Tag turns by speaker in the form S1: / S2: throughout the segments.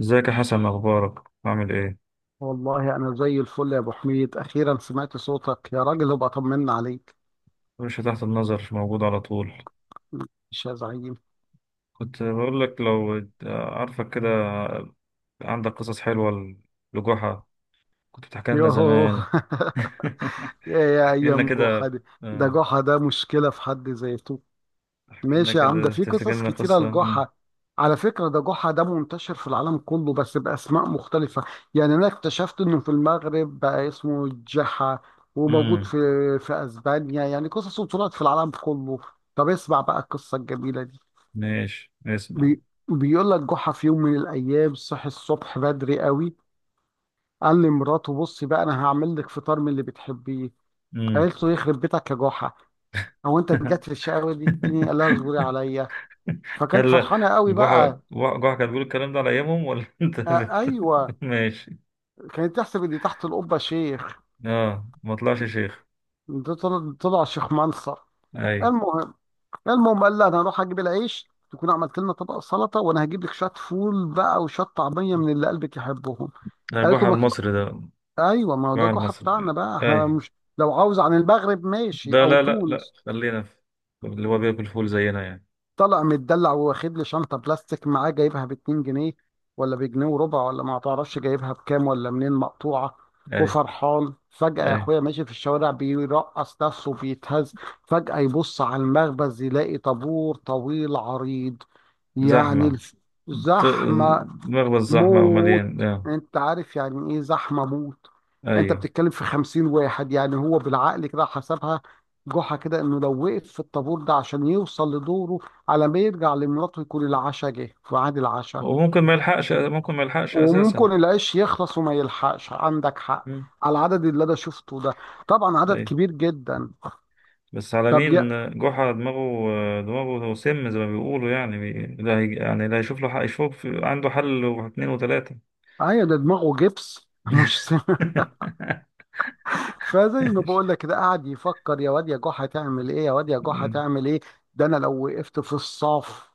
S1: ازيك يا حسن؟ اخبارك، عامل ايه؟
S2: والله أنا زي الفل يا أبو حميد، أخيرا سمعت صوتك يا راجل. ابقى طمنا عليك.
S1: مش تحت النظر، مش موجود على طول.
S2: مش يا زعيم؟
S1: كنت بقول لك، لو عارفك كده، عندك قصص حلوه لجحا كنت بتحكي لنا
S2: يوهو
S1: زمان.
S2: يا
S1: احكي لنا
S2: أيام جحا
S1: كده.
S2: دي. ده
S1: اه،
S2: جحا ده مشكلة في حد ذاته.
S1: احكي لنا
S2: ماشي يا عم، ده
S1: كده،
S2: في
S1: تفتكر
S2: قصص
S1: لنا
S2: كتيرة
S1: قصه.
S2: لجحا. على فكرة، ده جحا ده منتشر في العالم كله بس بأسماء مختلفة. يعني أنا اكتشفت إنه في المغرب بقى اسمه جحا، وموجود
S1: امم
S2: في أسبانيا. يعني قصصه طلعت في العالم كله. طب اسمع بقى القصة الجميلة دي.
S1: ماشي اسمع.
S2: بي... بيقول لك جحا في يوم من الايام صحي الصبح بدري قوي. قال لمراته: بصي بقى، انا هعمل لك فطار من اللي بتحبيه.
S1: امم
S2: قالت له: يخرب بيتك يا جحا، هو انت رجعت للشقاوه دي تاني؟ قال لها: اصبري عليا. فكانت
S1: هلا.
S2: فرحانه قوي
S1: جحا
S2: بقى.
S1: جحا كانت بتقول الكلام ده على ايامهم، ولا انت
S2: آه ايوه،
S1: ماشي.
S2: كانت تحسب ان تحت القبه شيخ.
S1: اه، ما طلعش شيخ.
S2: ده طلع شيخ منصر.
S1: اي.
S2: المهم المهم قال لها: انا هروح اجيب العيش، تكون عملت لنا طبق سلطه، وانا هجيب لك شويه فول بقى وشويه طعميه من اللي قلبك يحبهم.
S1: ده
S2: قالت
S1: جحا
S2: له ما...
S1: المصري ده،
S2: ايوه، ما هو ده
S1: مع
S2: جحا بتاعنا
S1: المصري.
S2: بقى، احنا
S1: اي.
S2: مش لو عاوز عن المغرب ماشي
S1: ده،
S2: او
S1: لا لا لا،
S2: تونس.
S1: خلينا في اللي هو بياكل فول زينا يعني.
S2: طلع متدلع واخد لي شنطه بلاستيك معاه، جايبها ب 2 جنيه، ولا بجنيه وربع، ولا ما تعرفش جايبها بكام ولا منين، مقطوعه.
S1: اي،
S2: وفرحان فجأة يا
S1: اي.
S2: اخويا، ماشي في الشوارع بيرقص نفسه بيتهز. فجأة يبص على المخبز يلاقي طابور طويل عريض، يعني
S1: زحمة. ط-
S2: زحمة
S1: مخبز زحمة
S2: موت.
S1: ومليان آه.
S2: انت عارف يعني ايه زحمه موت؟ انت
S1: ايوه،
S2: بتتكلم في 50 واحد. يعني هو بالعقل كده حسبها جحا، كده انه لو وقف في الطابور ده عشان يوصل لدوره، على ما يرجع لمراته يكون العشاء جه في ميعاد العشاء.
S1: وممكن ما يلحقش، ممكن ما يلحقش اساسا.
S2: وممكن العيش يخلص وما يلحقش، عندك حق.
S1: مم.
S2: على العدد اللي انا شفته ده، طبعا عدد
S1: اي،
S2: كبير جدا.
S1: بس على
S2: طب
S1: مين؟
S2: يا...
S1: جحا، دماغه سم زي ما بيقولوا يعني، لا هي... يعني لا يشوف له حق، يشوف عنده حل واثنين وثلاثة.
S2: ايوه، ده دماغه جبس مش. فزي ما بقول لك كده، قاعد يفكر: يا واد يا جحا تعمل ايه، يا واد يا جحا
S1: مم.
S2: تعمل ايه. ده انا لو وقفت في الصف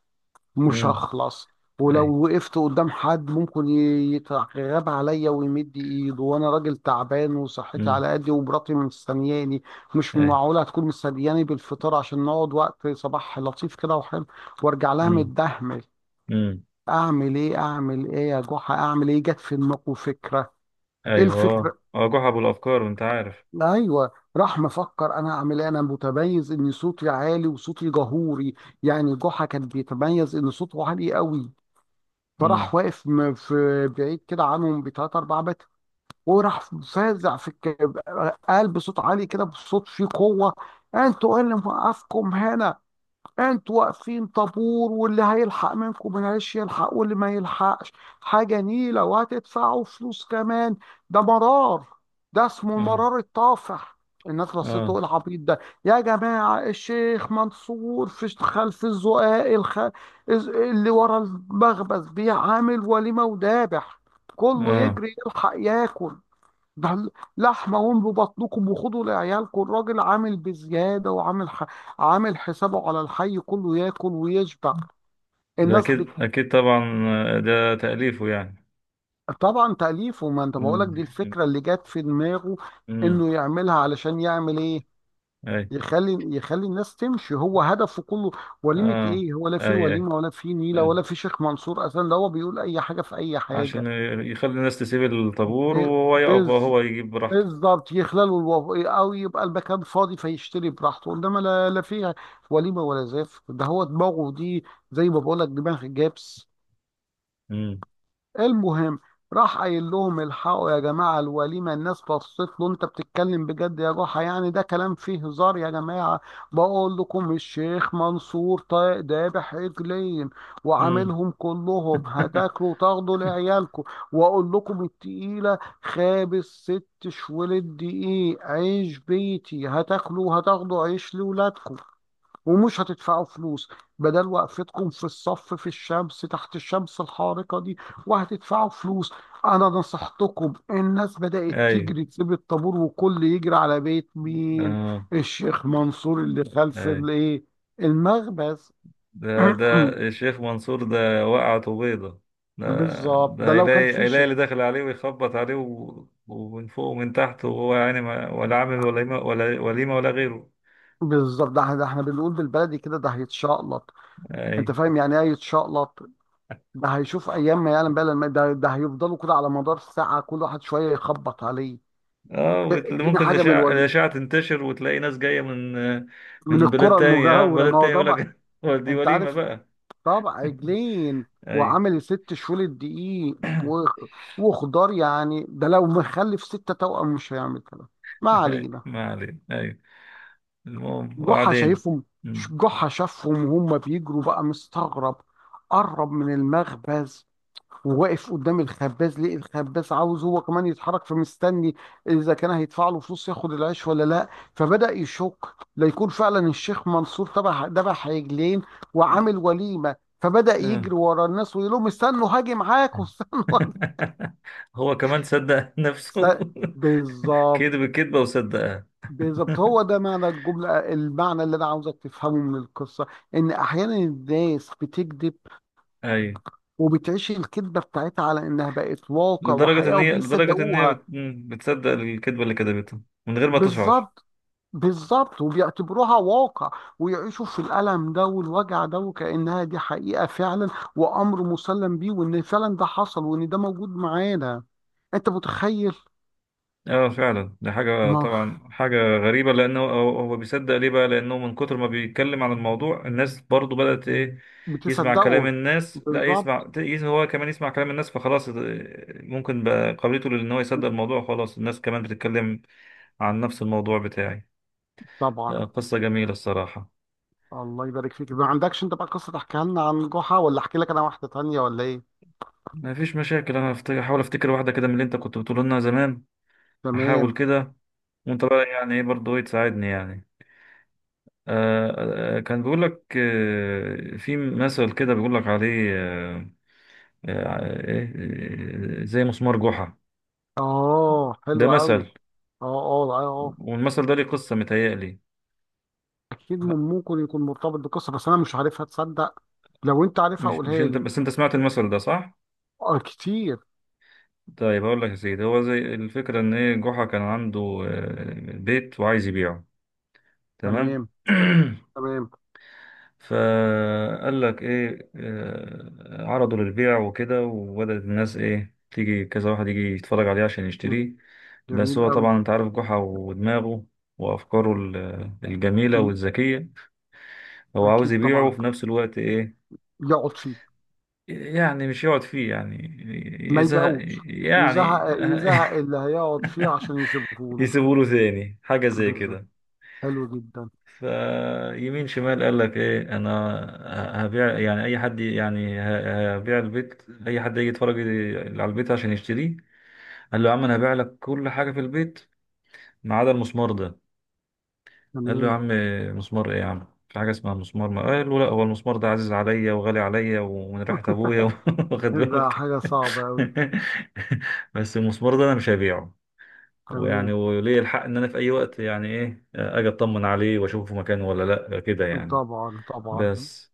S2: مش
S1: مم.
S2: هخلص.
S1: اي.
S2: ولو وقفت قدام حد ممكن يتغاب عليا ويمد ايده، وانا راجل تعبان وصحتي
S1: مم.
S2: على قدي ومراتي مستنياني. مش
S1: اي.
S2: معقوله هتكون مستنياني بالفطار عشان نقعد وقت صباح لطيف كده وحلو، وارجع لها
S1: مم.
S2: متدهمل.
S1: مم.
S2: اعمل ايه، اعمل ايه يا جحا، اعمل ايه؟ جت في دماغه فكره. ايه
S1: ايوه، اه
S2: الفكره؟
S1: اه، جحا بالافكار، انت عارف.
S2: ايوه، راح مفكر: انا اعمل ايه، انا متميز ان صوتي عالي وصوتي جهوري. يعني جحا كان بيتميز ان صوته عالي قوي.
S1: امم
S2: فراح واقف في بعيد كده عنهم بتلات اربع متر. وراح فازع قال بصوت عالي كده، بصوت فيه قوه: انتوا ايه اللي موقفكم هنا؟ انتوا واقفين طابور، واللي هيلحق منكم معلش يلحق، واللي ما يلحقش حاجة نيلة، وهتدفعوا فلوس كمان. ده مرار، ده اسمه
S1: اه
S2: المرار الطافح. الناس رصته
S1: اه
S2: إيه العبيط ده. يا جماعة، الشيخ منصور في خلف الزقاق اللي ورا المخبز بيعامل وليمة ودابح. كله
S1: اه،
S2: يجري يلحق ياكل. ده لحمة، واملوا بطنكم وخدوا لعيالكم. الراجل عامل بزيادة وعامل عامل حسابه على الحي كله ياكل ويشبع.
S1: ده
S2: الناس
S1: اكيد
S2: بت...
S1: اكيد طبعا. آه، ده تأليفه يعني.
S2: طبعا تأليفه. ما انت بقولك دي
S1: امم
S2: الفكرة اللي جت في دماغه،
S1: امم
S2: انه يعملها علشان يعمل ايه؟
S1: اي،
S2: يخلي الناس تمشي، هو هدفه كله. وليمة
S1: اه،
S2: ايه ولا في
S1: اي اي
S2: وليمة ولا في نيلة
S1: اي،
S2: ولا في شيخ منصور اصلا، ده هو بيقول اي حاجة في اي حاجة.
S1: عشان يخلي الناس تسيب الطابور
S2: ب...
S1: وهو يقف،
S2: بز...
S1: هو يجيب براحته.
S2: بالظبط، يخللوا او يبقى المكان فاضي فيشتري براحته. انما لا، لا فيها وليمه ولا زاف، ده هو دماغه دي، زي ما بقول لك دماغ جابس.
S1: امم
S2: المهم، راح قايل لهم: الحقوا يا جماعة الوليمة. الناس بصت له: انت بتتكلم بجد يا جحا؟ يعني ده كلام فيه هزار يا جماعة. بقول لكم الشيخ منصور ذابح عجلين،
S1: امم
S2: وعاملهم كلهم، هتاكلوا وتاخدوا لعيالكم. واقول لكم التقيلة، خابز 6 شوال الدقيق عيش بيتي، هتاكلوا وهتاخدوا عيش لولادكم، ومش هتدفعوا فلوس، بدل وقفتكم في الصف في الشمس تحت الشمس الحارقة دي وهتدفعوا فلوس. أنا نصحتكم. الناس بدأت
S1: اي،
S2: تجري تسيب الطابور، وكل يجري على بيت مين؟
S1: اه،
S2: الشيخ منصور اللي خلف
S1: اي.
S2: الإيه؟ المخبز.
S1: ده الشيخ منصور ده وقعته بيضة. ده
S2: بالظبط،
S1: ده،
S2: ده لو كان
S1: هيلاقي
S2: في
S1: هيلاقي
S2: شك.
S1: اللي داخل عليه ويخبط عليه ومن فوق ومن تحت، وهو يعني ما، ولا عامل ولا وليمة، ولا وليمة ولا غيره.
S2: بالظبط، ده احنا بنقول بالبلدي كده، ده هيتشقلط. انت
S1: أي،
S2: فاهم يعني ايه يتشقلط؟ ده هيشوف ايام ما يعلم بقى. ده هيفضلوا كده على مدار ساعة، كل واحد شوية يخبط عليه.
S1: اه.
S2: اديني
S1: ممكن
S2: حاجه من
S1: الأشعة
S2: الوليد،
S1: الأشعة تنتشر وتلاقي ناس جاية من
S2: من
S1: بلاد
S2: الكره
S1: تانية، اه،
S2: المجاوره.
S1: بلاد
S2: ما هو
S1: تانية يقول
S2: طبعا.
S1: لك، هو دي
S2: انت
S1: وليمة
S2: عارف،
S1: بقى!
S2: طبعا عجلين،
S1: أيوه،
S2: وعامل 6 شهور الدقيق و- وخضار، يعني ده لو مخلف 6 توأم مش هيعمل كده. ما
S1: أيوه
S2: علينا.
S1: ما علينا، أيوه. المهم،
S2: جحا
S1: وبعدين؟
S2: شايفهم.
S1: مم.
S2: جحا شافهم وهم بيجروا بقى مستغرب. قرب من المخبز، وواقف قدام الخباز. ليه؟ الخباز عاوز هو كمان يتحرك فمستني اذا كان هيدفع له فلوس ياخد العيش ولا لا. فبدأ يشك: لا يكون فعلا الشيخ منصور تبع دبح عجلين وعامل وليمة. فبدأ
S1: آه.
S2: يجري ورا الناس ويقول لهم: استنوا هاجي معاكم، استنوا هاجي.
S1: هو كمان صدق نفسه،
S2: است- بالظبط.
S1: كذب الكذبة وصدقها.
S2: بالظبط، هو ده معنى الجملة، المعنى اللي أنا عاوزك تفهمه من القصة: إن أحيانا الناس بتكذب،
S1: أيوة.
S2: وبتعيش الكذبة بتاعتها على إنها بقت واقع
S1: لدرجة إن
S2: وحقيقة
S1: هي لدرجة إن هي
S2: وبيصدقوها.
S1: بتصدق الكذبة اللي كذبتها من غير ما تشعر.
S2: بالظبط. بالظبط، وبيعتبروها واقع، ويعيشوا في الألم ده والوجع ده وكأنها دي حقيقة فعلا، وأمر مسلم بيه، وإن فعلا ده حصل، وإن ده موجود معانا. أنت متخيل؟
S1: اه، فعلا دي حاجة،
S2: ما
S1: طبعا حاجة غريبة. لأنه هو بيصدق، ليه بقى؟ لأنه من كتر ما بيتكلم عن الموضوع، الناس برضو بدأت إيه؟ يسمع كلام
S2: بتصدقه.
S1: الناس، لا
S2: بالظبط،
S1: يسمع، هو كمان يسمع كلام الناس، فخلاص، اه، ممكن بقى قابلته. لأن هو يصدق الموضوع خلاص، الناس كمان بتتكلم عن نفس الموضوع بتاعي.
S2: طبعا.
S1: اه، قصة جميلة الصراحة.
S2: الله يبارك فيك. ما عندكش أنت بقى قصة تحكيها لنا عن جحا، ولا أحكي لك أنا واحدة تانية، ولا إيه؟
S1: ما فيش مشاكل، انا هحاول افتكر واحده كده من اللي انت كنت بتقول لنا زمان. هحاول
S2: تمام.
S1: كده. وانت بقى يعني ايه، برضه ايه، تساعدني يعني. آه آه، كان بيقول لك آه، في مثل كده بيقول لك عليه آه آه آه، إيه، آه، زي مسمار جحا.
S2: آه،
S1: ده
S2: حلو قوي،
S1: مثل.
S2: آه. آه آه آه.
S1: والمثل ده ليه قصه، متهيألي.
S2: أكيد، من ممكن يكون مرتبط بقصة بس أنا مش عارفها، تصدق. لو أنت عارفها
S1: مش
S2: قولها
S1: انت
S2: لي.
S1: بس، انت سمعت المثل ده صح؟
S2: آه كتير.
S1: طيب هقول لك يا سيدي. هو زي الفكره ان ايه، جحا كان عنده آه، بيت وعايز يبيعه. تمام.
S2: تمام. تمام.
S1: فقال لك ايه، آه، عرضه للبيع وكده، وبدأت الناس ايه، تيجي كذا واحد يجي يتفرج عليه عشان
S2: مم.
S1: يشتريه. بس
S2: جميل
S1: هو
S2: قوي.
S1: طبعا انت عارف جحا ودماغه وافكاره الجميلة
S2: مم.
S1: والذكية. هو عاوز
S2: اكيد
S1: يبيعه،
S2: طبعا.
S1: وفي نفس الوقت ايه،
S2: يقعد فيه.
S1: يعني مش يقعد فيه يعني،
S2: ما
S1: يزهق
S2: يبيعوش. يزهق،
S1: يعني.
S2: يزهق اللي هيقعد فيه عشان يسيبه له.
S1: يسيبوله له تاني حاجة زي
S2: بالظبط.
S1: كده.
S2: حلو جدا.
S1: فيمين شمال، قال لك ايه، انا هبيع يعني. اي حد يعني هبيع البيت، اي حد يجي يتفرج على البيت عشان يشتريه. قال له يا عم، انا هبيع لك كل حاجه في البيت ما عدا المسمار ده. قال له، يا
S2: تمام.
S1: عم مسمار ايه يا عم، في حاجه اسمها مسمار؟ ما قال له، لا، هو المسمار ده عزيز عليا وغالي عليا، ومن ريحه ابويا. واخد
S2: ده
S1: بالك؟
S2: حاجه صعبه قوي.
S1: بس المسمار ده انا مش هبيعه، ويعني،
S2: تمام،
S1: وليه الحق ان انا في اي وقت يعني ايه اجي اطمن عليه واشوفه في مكانه ولا لا، كده يعني.
S2: طبعا، طبعا.
S1: بس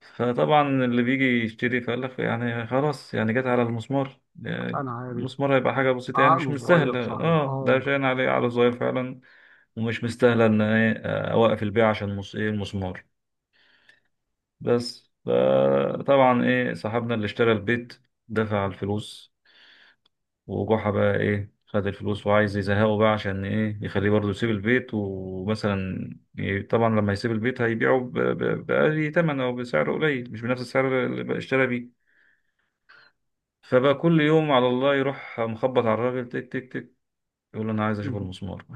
S1: فطبعا اللي بيجي يشتري، فقال لك يعني خلاص، يعني جت على المسمار يعني،
S2: انا عارف.
S1: المسمار هيبقى حاجة بسيطة يعني، مش
S2: عقله صغير
S1: مستاهلة،
S2: صحيح،
S1: اه، ده
S2: اه.
S1: شاين عليه على صغير فعلا، ومش مستاهلة ان ايه، آه، اوقف البيع عشان ايه، المسمار. بس فطبعا ايه، صاحبنا اللي اشترى البيت دفع الفلوس، وجحا بقى ايه، خد الفلوس وعايز يزهقه بقى، عشان ايه، يخليه برضه يسيب البيت. ومثلا طبعا لما يسيب البيت هيبيعه بأقل تمن او بسعر قليل، مش بنفس السعر اللي بقى اشترى بيه. فبقى كل يوم على الله يروح مخبط على الراجل، تك تك تك، يقول له انا عايز اشوف
S2: مم.
S1: المسمار.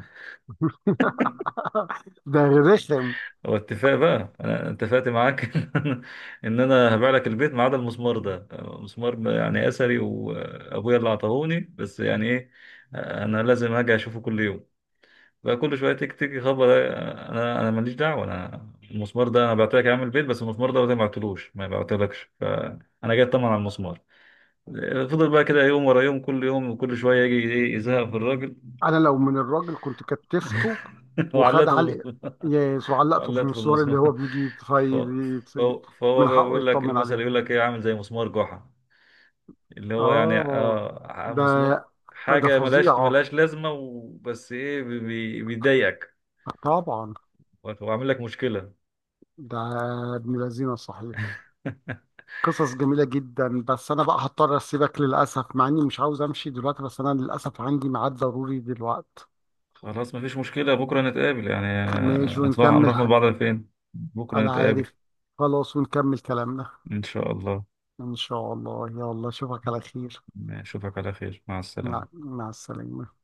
S2: ده رخم.
S1: هو اتفاق بقى، انا اتفقت معاك ان انا هبيع لك البيت ما عدا المسمار ده. مسمار يعني اثري، وابويا اللي عطاهوني، بس يعني ايه، انا لازم هاجي اشوفه كل يوم. بقى كل شويه تك تك، يخبط، انا ماليش دعوه. انا المسمار ده، انا بعت لك يا عم البيت، بس المسمار ده ما بعتلكش، فانا جاي اطمن على المسمار. فضل بقى كده يوم ورا يوم، كل يوم وكل شويه يجي ايه، يزهق في الراجل.
S2: انا لو من الراجل كنت كتفته. وخد
S1: وعلقته في
S2: علق.
S1: المسمار،
S2: يا علقته في
S1: وعلقته في
S2: المشوار اللي هو
S1: المسمار.
S2: بيجي
S1: ف... فهو
S2: من
S1: بقى
S2: حقه
S1: بيقول لك
S2: يطمن
S1: المثل،
S2: عليه.
S1: يقول لك ايه، عامل زي مسمار جحا. اللي هو يعني
S2: اه،
S1: اه،
S2: ده
S1: مسمار،
S2: ده
S1: حاجه ملهاش
S2: فظيعة.
S1: ملهاش لازمه، وبس ايه، بيضايقك
S2: طبعا.
S1: وعامل لك مشكله.
S2: ده ابن لذينه صحيح. قصص جميلة جدا. بس أنا بقى هضطر أسيبك للأسف، مع إني مش عاوز أمشي دلوقتي بس أنا للأسف عندي ميعاد ضروري دلوقتي.
S1: خلاص، مفيش مشكلة، بكرة نتقابل يعني. آه،
S2: ماشي،
S1: نطلع
S2: ونكمل
S1: نروح مع
S2: حق.
S1: بعض، فين بكرة
S2: أنا
S1: نتقابل؟
S2: عارف. خلاص، ونكمل كلامنا.
S1: إن شاء الله،
S2: إن شاء الله. يلا أشوفك على خير.
S1: أشوفك على خير، مع السلامة.
S2: مع السلامة.